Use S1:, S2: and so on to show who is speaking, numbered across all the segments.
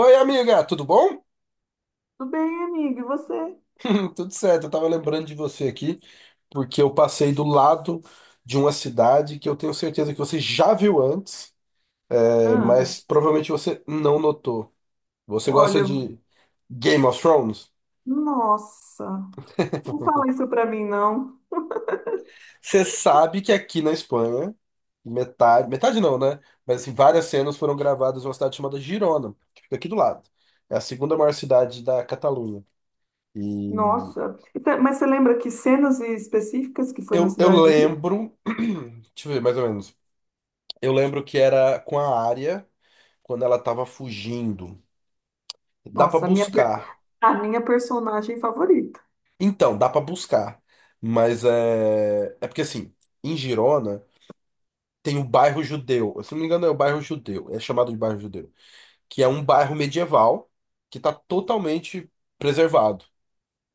S1: Oi, amiga, tudo bom?
S2: Tudo bem, amiga? E você?
S1: Tudo certo, eu tava lembrando de você aqui, porque eu passei do lado de uma cidade que eu tenho certeza que você já viu antes, é,
S2: Ah,
S1: mas provavelmente você não notou. Você gosta
S2: olha,
S1: de Game of Thrones?
S2: nossa, não fala isso pra mim, não.
S1: Você sabe que aqui na Espanha, metade, metade não, né? Mas assim, várias cenas foram gravadas em uma cidade chamada Girona, que fica aqui do lado. É a segunda maior cidade da Catalunha. E
S2: Nossa, então, mas você lembra que cenas específicas que foi na
S1: eu
S2: Cidade Livre?
S1: lembro, deixa eu ver mais ou menos. Eu lembro que era com a área quando ela tava fugindo. Dá pra
S2: Nossa, a minha,
S1: buscar.
S2: a minha personagem favorita.
S1: Então, dá pra buscar. Mas é. É porque assim, em Girona tem o bairro Judeu. Se não me engano, é o bairro Judeu. É chamado de bairro Judeu. Que é um bairro medieval que tá totalmente preservado.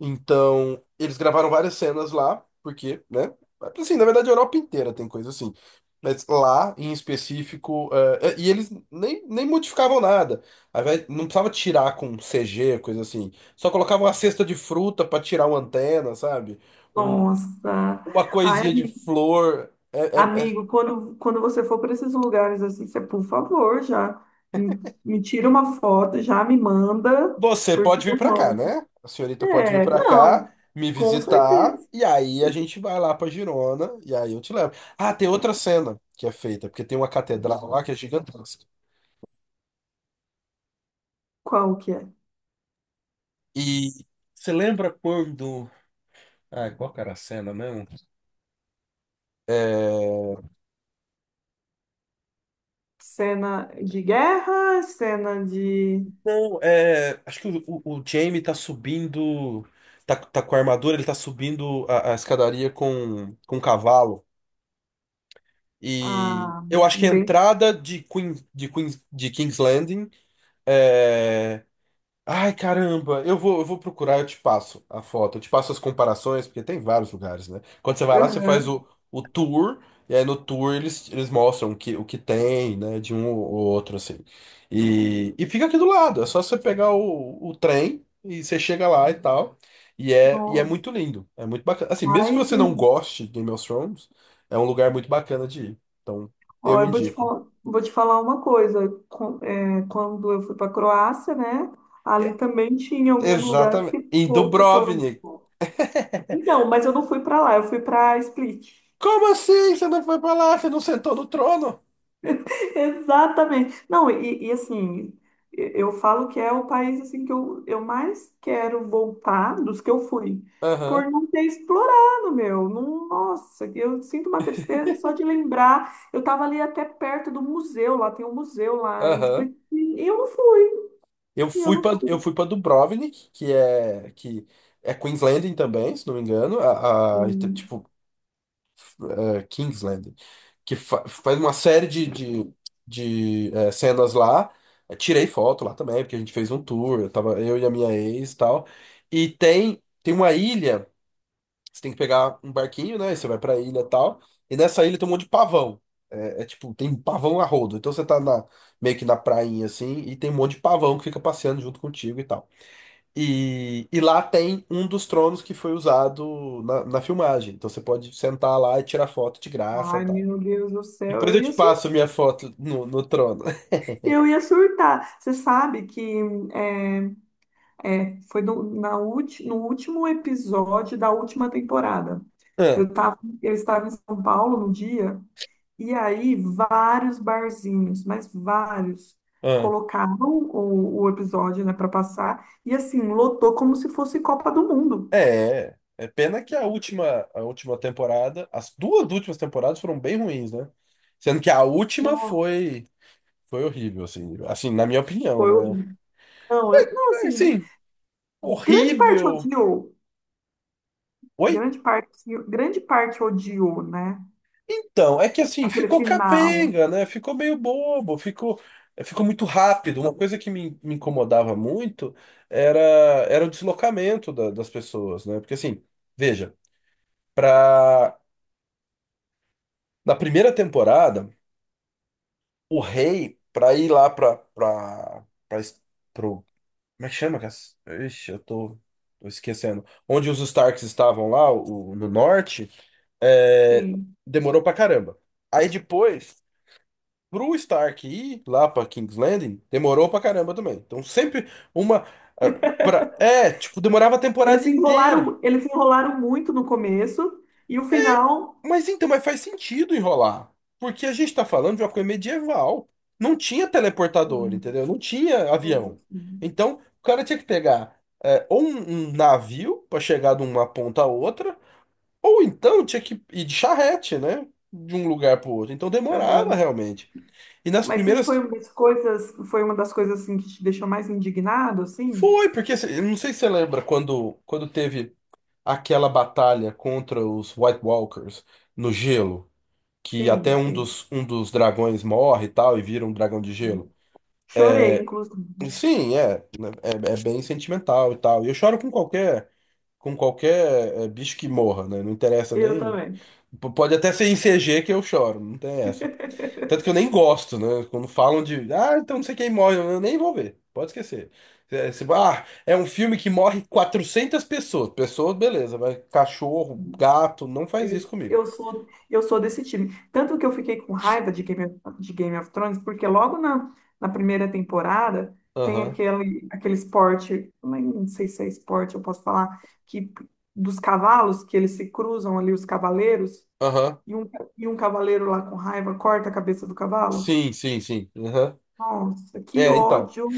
S1: Então, eles gravaram várias cenas lá, porque, né? Assim, na verdade, a Europa inteira tem coisa assim. Mas lá, em específico, e eles nem modificavam nada. Ao invés- não precisava tirar com CG, coisa assim. Só colocavam uma cesta de fruta pra tirar uma antena, sabe? Um-
S2: Nossa,
S1: uma
S2: ai,
S1: coisinha de
S2: amigo,
S1: flor. É, é- é
S2: amigo, quando você for para esses lugares assim, você, por favor, já me, me tira uma foto, já me manda,
S1: você
S2: porque
S1: pode vir
S2: eu
S1: pra cá,
S2: amo.
S1: né? A senhorita pode vir
S2: É,
S1: pra cá,
S2: não,
S1: me
S2: com
S1: visitar,
S2: certeza.
S1: e aí a gente vai lá pra Girona, e aí eu te levo. Ah, tem outra cena que é feita, porque tem uma catedral lá que é gigantesca.
S2: Qual que é?
S1: E você lembra quando. Ah, qual que era a cena mesmo? É...
S2: Cena de guerra, cena de.
S1: Não, é. Acho que o Jamie tá subindo. Tá com a armadura, ele tá subindo a escadaria com um cavalo. E
S2: Ah,
S1: eu acho que
S2: um
S1: a
S2: bem.
S1: entrada de, Queen, de, Queen, de King's Landing. É... Ai, caramba, eu vou procurar, eu te passo a foto, eu te passo as comparações, porque tem vários lugares, né? Quando você vai lá, você faz
S2: Aham.
S1: o tour, e aí no tour eles, eles mostram o que tem, né, de um ou outro, assim. E fica aqui do lado, é só você pegar o trem e você chega lá e tal. E é
S2: Nossa.
S1: muito lindo, é muito bacana. Assim, mesmo que
S2: Ai,
S1: você não
S2: gente.
S1: goste de Game of Thrones, é um lugar muito bacana de ir. Então,
S2: Ó,
S1: eu
S2: eu
S1: indico.
S2: vou te falar uma coisa. Quando eu fui para Croácia, né?
S1: É,
S2: Ali também tinha alguns lugares
S1: exatamente.
S2: que,
S1: Em
S2: que foram.
S1: Dubrovnik.
S2: Então, mas eu não fui para lá, eu fui para Split.
S1: Como assim? Você não foi pra lá? Você não sentou no trono?
S2: Exatamente. Não, e, assim, eu falo que é o país assim que eu mais quero voltar dos que eu fui,
S1: Aham,
S2: por não ter explorado, meu. Nossa, eu sinto uma tristeza só de lembrar. Eu estava ali até perto do museu, lá tem um museu lá em
S1: aham.
S2: Split, e eu não fui,
S1: Eu
S2: e eu
S1: fui
S2: não
S1: pra eu
S2: fui.
S1: fui para Dubrovnik, que é Queensland também, se não me engano, a-
S2: Hum.
S1: tipo é, Kingsland, que fa- faz uma série de é, cenas lá. Eu tirei foto lá também, porque a gente fez um tour, eu tava eu e a minha ex e tal. E tem uma ilha você tem que pegar um barquinho, né? E você vai pra ilha e tal. E nessa ilha tem um monte de pavão. É, é tipo, tem pavão a rodo. Então você tá na, meio que na prainha assim, e tem um monte de pavão que fica passeando junto contigo e tal. E lá tem um dos tronos que foi usado na filmagem. Então você pode sentar lá e tirar foto de graça e
S2: Ai,
S1: tal.
S2: meu Deus do céu,
S1: Depois
S2: eu
S1: eu
S2: ia
S1: te
S2: surtar.
S1: passo minha foto no trono.
S2: Eu ia surtar. Você sabe que eh, é, foi no, no último episódio da última temporada.
S1: Ah,
S2: Eu estava em São Paulo no dia, e aí vários barzinhos, mas vários,
S1: ah.
S2: colocaram o episódio, né, para passar, e assim, lotou como se fosse Copa do Mundo.
S1: É, é pena que a última temporada, as duas últimas temporadas foram bem ruins, né? Sendo que a última
S2: Nossa,
S1: foi. Foi horrível, assim. Assim, na minha
S2: foi
S1: opinião, né?
S2: horrível. Não, eu, não,
S1: Mas,
S2: assim,
S1: assim,
S2: grande parte
S1: horrível.
S2: odiou,
S1: Oi?
S2: grande parte, grande parte odiou, né?
S1: Então, é que assim,
S2: Aquele
S1: ficou
S2: final.
S1: capenga, né? Ficou meio bobo, ficou, ficou muito rápido. Uma coisa que me incomodava muito era, era o deslocamento da- das pessoas, né? Porque assim, veja, pra, na primeira temporada, o rei, pra ir lá pra es- pro, como é que chama? Cass? Ixi, tô esquecendo. Onde os Starks estavam lá, o- no norte. É,
S2: Sim.
S1: demorou pra caramba. Aí depois, pro Stark ir lá pra King's Landing, demorou pra caramba também. Então sempre uma. Ah, pra- é, tipo, demorava a temporada inteira.
S2: Eles se enrolaram muito no começo e o
S1: É,
S2: final.
S1: mas então, mas faz sentido enrolar. Porque a gente tá falando de uma coisa medieval. Não tinha teleportador,
S2: Hum,
S1: entendeu? Não tinha avião.
S2: hum, hum,
S1: Então, o cara tinha que pegar é, ou um navio pra chegar de uma ponta a outra, ou então tinha que ir de charrete, né? De um lugar pro outro. Então demorava
S2: aham.
S1: realmente. E nas
S2: Mas isso foi
S1: primeiras.
S2: uma das coisas, foi uma das coisas assim que te deixou mais indignado, assim?
S1: Foi, porque cê- eu não sei se você lembra quando teve aquela batalha contra os White Walkers no gelo, que até
S2: Sim, sim.
S1: um dos dragões morre e tal, e vira um dragão de gelo.
S2: Chorei, inclusive.
S1: Sim, é, é, é bem sentimental e tal. E eu choro com qualquer bicho que morra, né? Não interessa
S2: Eu
S1: nem.
S2: também.
S1: P- pode até ser em CG que eu choro, não tem essa. Tanto que eu nem gosto, né? Quando falam de, ah, então não sei quem morre, eu nem vou ver. Pode esquecer. É, se- ah, é um filme que morre 400 pessoas. Pessoas, beleza, vai. Cachorro, gato, não faz isso
S2: Eu
S1: comigo.
S2: eu sou, eu sou desse time. Tanto que eu fiquei com raiva de Game of Thrones, porque logo na, na primeira temporada tem
S1: Aham,
S2: aquele, aquele esporte, não sei se é esporte, eu posso falar, que dos cavalos, que eles se cruzam ali, os cavaleiros,
S1: aham.
S2: e um, e um cavaleiro lá com raiva corta a cabeça do cavalo.
S1: Sim, sim, sim. Aham.
S2: Nossa, que
S1: É, então.
S2: ódio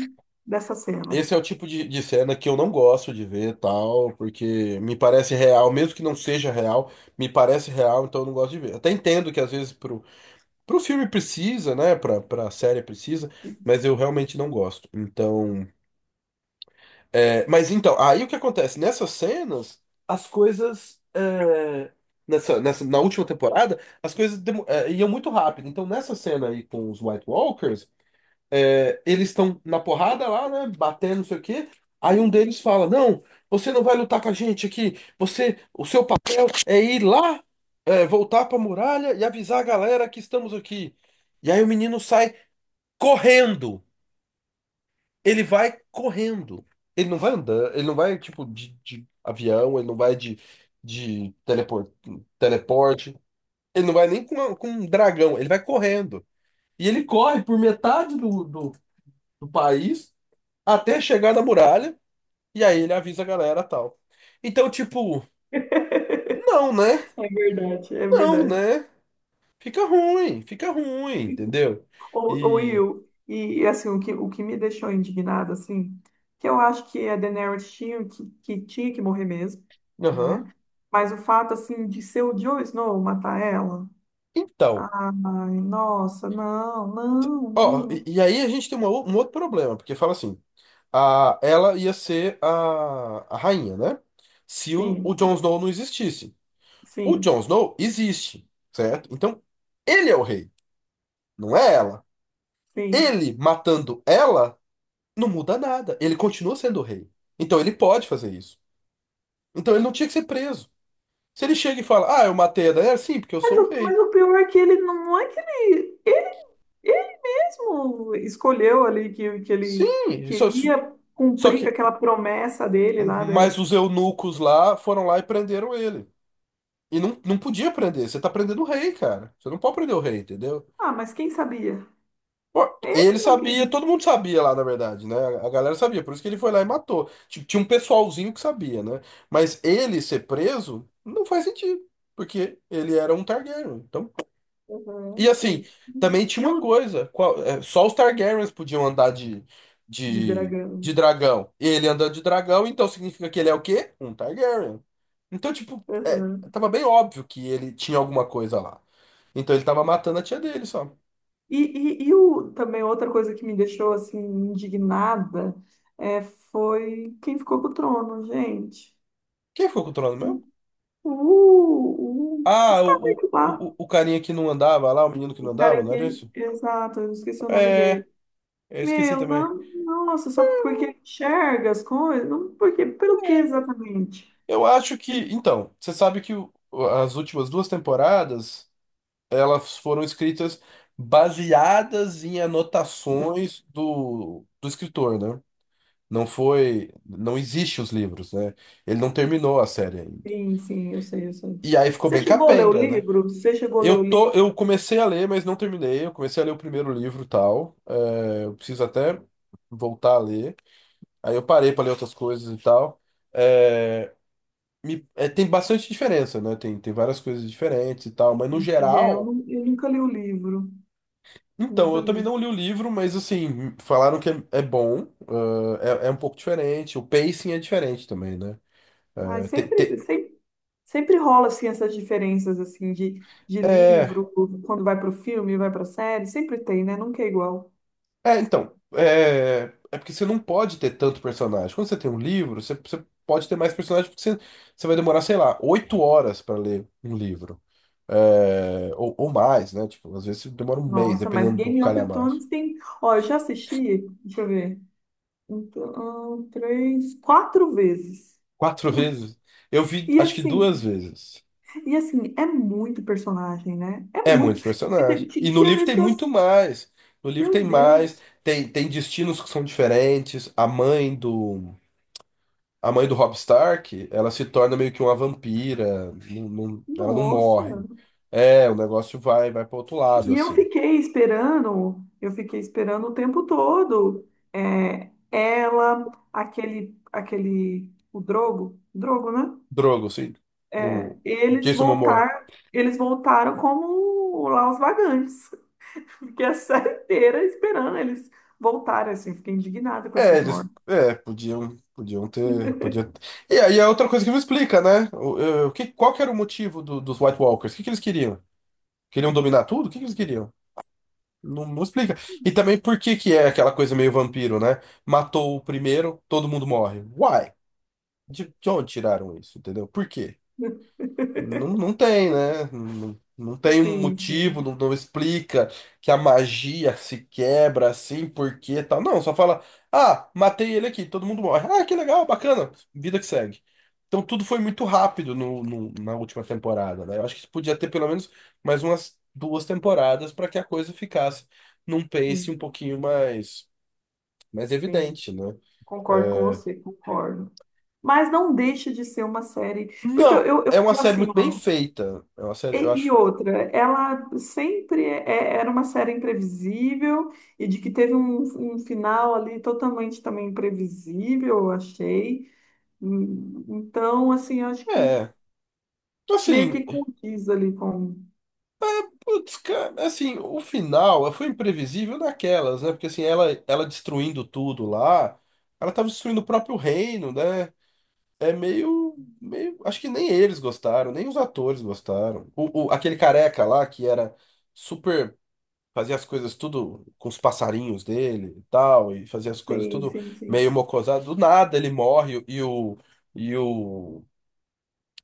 S2: dessa cena.
S1: Esse é o tipo de cena que eu não gosto de ver, tal, porque me parece real, mesmo que não seja real, me parece real, então eu não gosto de ver. Até entendo que às vezes pro filme precisa, né? Pra, pra série precisa, mas eu realmente não gosto. Então. É, mas então, aí o que acontece? Nessas cenas, as coisas. É, nessa, nessa, na última temporada, as coisas demo- é, iam muito rápido. Então, nessa cena aí com os White Walkers, é, eles estão na porrada lá, né? Batendo, não sei o quê. Aí um deles fala: não, você não vai lutar com a gente aqui. Você, o seu papel é ir lá, é, voltar pra muralha e avisar a galera que estamos aqui. E aí o menino sai correndo. Ele vai correndo. Ele não vai andando, ele não vai, tipo, de avião, ele não vai de telepor- teleporte, ele não vai nem com, com um dragão, ele vai correndo. E ele corre por metade do país até chegar na muralha, e aí ele avisa a galera tal. Então, tipo, não, né?
S2: É verdade, é
S1: Não,
S2: verdade.
S1: né? Fica ruim, entendeu?
S2: Ou
S1: E.
S2: Will, e assim, o que me deixou indignada, assim, que eu acho que a Daenerys tinha que tinha que morrer mesmo,
S1: Aham.
S2: né? Mas o fato, assim, de ser o Jon Snow matar ela,
S1: Então.
S2: ai, nossa, não, não, não,
S1: Ó, e,
S2: não.
S1: e aí a gente tem uma ou- um outro problema, porque fala assim, a, ela ia ser a rainha, né? Se o
S2: Sim,
S1: Jon
S2: sim,
S1: Snow não existisse. O Jon
S2: sim,
S1: Snow existe, certo? Então, ele é o rei, não é ela.
S2: sim.
S1: Ele matando ela não muda nada. Ele continua sendo o rei. Então, ele pode fazer isso. Então, ele não tinha que ser preso. Se ele chega e fala, ah, eu matei a Daenerys, sim, porque eu sou o rei.
S2: Mas o pior é que ele não, não é que ele mesmo escolheu ali que ele
S1: Sim, só,
S2: queria
S1: só
S2: cumprir com
S1: que...
S2: aquela promessa dele lá da.
S1: Mas os eunucos lá foram lá e prenderam ele. E não, não podia prender. Você tá prendendo o rei, cara. Você não pode prender o rei, entendeu?
S2: Ah, mas quem sabia?
S1: Pô,
S2: Ele
S1: ele
S2: não
S1: sabia,
S2: queria.
S1: todo mundo sabia lá, na verdade, né? A galera sabia, por isso que ele foi lá e matou. Ti- tinha um pessoalzinho que sabia, né? Mas ele ser preso não faz sentido, porque ele era um Targaryen. Então e
S2: Aham,
S1: assim,
S2: sim.
S1: também tinha
S2: E
S1: uma
S2: o
S1: coisa, qual- é, só os Targaryens podiam andar
S2: de
S1: de,
S2: dragão.
S1: de dragão. Ele anda de dragão, então significa que ele é o quê? Um Targaryen. Então, tipo, é,
S2: Aham.
S1: tava bem óbvio que ele tinha alguma coisa lá. Então ele tava matando a tia dele só.
S2: E, e o, também outra coisa que me deixou assim indignada é, foi quem ficou com o trono, gente.
S1: Quem ficou com o trono mesmo?
S2: O
S1: Ah,
S2: Stark
S1: o, o,
S2: lá.
S1: o, o carinha que não andava lá, o menino que não
S2: O
S1: andava,
S2: cara
S1: não era
S2: que.
S1: isso?
S2: Exato, eu esqueci o nome
S1: É,
S2: dele.
S1: eu esqueci
S2: Meu,
S1: também.
S2: não, nossa, só porque enxerga as coisas? Não, porque, pelo que exatamente?
S1: Eu acho que. Então, você sabe que o- as últimas duas temporadas. Elas foram escritas baseadas em anotações do escritor, né? Não foi, não existe os livros, né? Ele não terminou a série ainda.
S2: Sim, sim, eu sei, eu sei.
S1: E aí ficou
S2: Você
S1: bem
S2: chegou a ler o
S1: capenga, né?
S2: livro? Você chegou a ler o livro?
S1: Eu comecei a ler, mas não terminei. Eu comecei a ler o primeiro livro, e tal. É, eu preciso até voltar a ler. Aí eu parei para ler outras coisas e tal. É, me- é, tem bastante diferença, né? Tem, tem várias coisas diferentes e tal, mas no
S2: É, eu,
S1: geral
S2: eu nunca li o livro,
S1: então,
S2: nunca
S1: eu também
S2: li.
S1: não li o livro, mas assim, falaram que é, é bom, ah, é, é um pouco diferente, o pacing é diferente também, né?
S2: Ai,
S1: Ah, te-
S2: sempre,
S1: te-
S2: sempre, sempre rola assim essas diferenças assim de
S1: é,
S2: livro, quando vai para o filme, vai para a série, sempre tem, né? Nunca é igual.
S1: é, então, é, é porque você não pode ter tanto personagem. Quando você tem um livro, você pode ter mais personagens porque você, você vai demorar, sei lá, oito horas para ler um livro. É, ou mais, né? Tipo, às vezes demora um mês,
S2: Nossa, mas
S1: dependendo do
S2: Game of
S1: calhamaço.
S2: Thrones tem. Ó, eu já assisti, deixa eu ver, um, dois, três, quatro vezes.
S1: Quatro vezes? Eu vi,
S2: E
S1: acho que duas
S2: assim,
S1: vezes.
S2: e assim, é muito personagem, né? É
S1: É
S2: muito.
S1: muito
S2: E
S1: personagem. E no
S2: tinha
S1: livro
S2: vez
S1: tem
S2: que eu.
S1: muito mais. No livro tem
S2: Meu
S1: mais,
S2: Deus,
S1: tem, tem destinos que são diferentes. A mãe do Robb Stark, ela se torna meio que uma vampira, não- não- ela não
S2: nossa.
S1: morre. É, o negócio vai para outro lado
S2: E
S1: assim.
S2: eu fiquei esperando o tempo todo. É, ela, aquele, aquele, o Drogo, Drogo, né?
S1: Drogo, assim,
S2: É,
S1: o
S2: eles
S1: Jason Momoa.
S2: voltar, eles voltaram como lá os vagantes. Fiquei a série inteira esperando eles voltarem, assim. Fiquei indignada com
S1: É,
S2: essas
S1: eles
S2: mortes.
S1: é, podiam ter, podia. E aí é outra coisa que me explica, né? O, o que, qual que era o motivo do- dos White Walkers? O que que eles queriam? Queriam dominar tudo? O que que eles queriam? Não, não explica. E também por que que é aquela coisa meio vampiro, né? Matou o primeiro, todo mundo morre. Why? De onde tiraram isso, entendeu? Por quê? Não, não tem, né? Não, não tem um
S2: Sim, sim,
S1: motivo, não, não explica que a magia se quebra assim, por quê, tal. Não, só fala, ah, matei ele aqui, todo mundo morre. Ah, que legal, bacana, vida que segue. Então tudo foi muito rápido no, no- na última temporada, né? Eu acho que podia ter pelo menos mais umas duas temporadas para que a coisa ficasse num pace
S2: sim,
S1: um pouquinho mais, mais
S2: sim.
S1: evidente, né?
S2: Concordo com
S1: É,
S2: você, concordo. Mas não deixa de ser uma série, porque
S1: não,
S2: eu
S1: é uma
S2: falo
S1: série
S2: assim,
S1: muito bem
S2: ó.
S1: feita. É uma série, eu
S2: E
S1: acho.
S2: outra, ela sempre é, era uma série imprevisível e de que teve um, um final ali totalmente também imprevisível, eu achei. Então, assim, eu acho que
S1: É.
S2: meio
S1: Assim.
S2: que condiz ali com.
S1: Putz, cara, assim, o final foi imprevisível daquelas, né? Porque assim, ela destruindo tudo lá, ela tava destruindo o próprio reino, né? É meio, meio, acho que nem eles gostaram, nem os atores gostaram. O- aquele careca lá que era super, fazia as coisas tudo com os passarinhos dele e tal, e fazia as coisas
S2: Sim,
S1: tudo
S2: sim, sim.
S1: meio mocosado, do nada ele morre e e o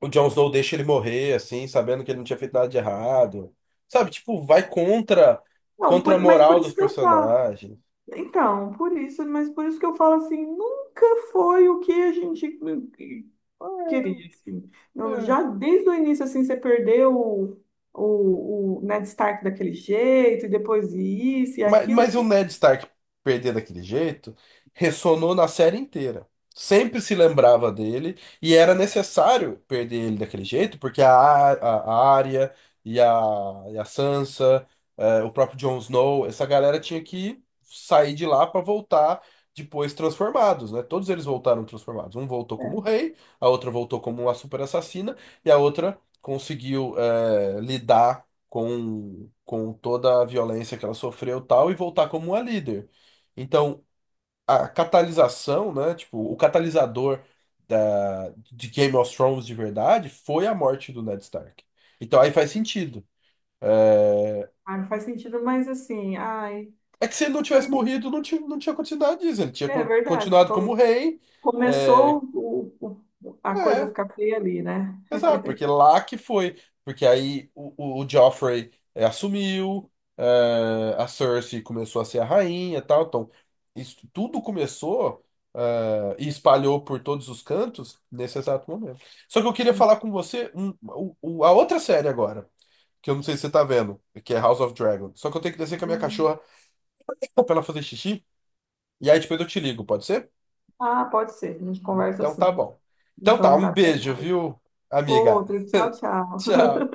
S1: o Jon Snow deixa ele morrer, assim, sabendo que ele não tinha feito nada de errado. Sabe, tipo, vai contra,
S2: Não,
S1: contra a
S2: mas por
S1: moral dos
S2: isso que eu falo.
S1: personagens.
S2: Então, por isso, mas por isso que eu falo assim, nunca foi o que a gente queria, assim. Eu
S1: É,
S2: já desde o início, assim, você perdeu o Ned Stark daquele jeito, e depois isso e
S1: Mas,
S2: aquilo.
S1: mas o
S2: Tipo,
S1: Ned Stark perder daquele jeito ressonou na série inteira. Sempre se lembrava dele e era necessário perder ele daquele jeito, porque a, Ar- a Arya e a, e a Sansa, o próprio Jon Snow, essa galera tinha que sair de lá para voltar depois transformados, né? Todos eles voltaram transformados. Um voltou como
S2: é,
S1: rei, a outra voltou como uma super assassina e a outra conseguiu, lidar com toda a violência que ela sofreu e tal, e voltar como uma líder. Então, a catalisação, né? Tipo, o catalisador da, de Game of Thrones de verdade foi a morte do Ned Stark. Então aí faz sentido. É
S2: ah, não faz sentido, mas assim, ai,
S1: é que se ele não tivesse morrido, não tinha, não tinha acontecido nada disso. Ele tinha
S2: é
S1: con-
S2: verdade.
S1: continuado como
S2: Como
S1: rei. É,
S2: começou o, a coisa
S1: é.
S2: ficar feia ali, né?
S1: Exato, porque lá que foi. Porque aí o Joffrey assumiu, a Cersei começou a ser a rainha e tal. Então, isso tudo começou, e espalhou por todos os cantos nesse exato momento. Só que eu queria falar com você um, o- a outra série agora, que eu não sei se você tá vendo, que é House of Dragon. Só que eu tenho que descer com a minha
S2: Uhum.
S1: cachorra pra ela fazer xixi. E aí depois eu te ligo, pode ser?
S2: Ah, pode ser. A gente conversa
S1: Então tá
S2: assim.
S1: bom. Então tá,
S2: Então
S1: um
S2: tá, até
S1: beijo,
S2: mais.
S1: viu, amiga?
S2: Outro, tchau, tchau.
S1: Tchau.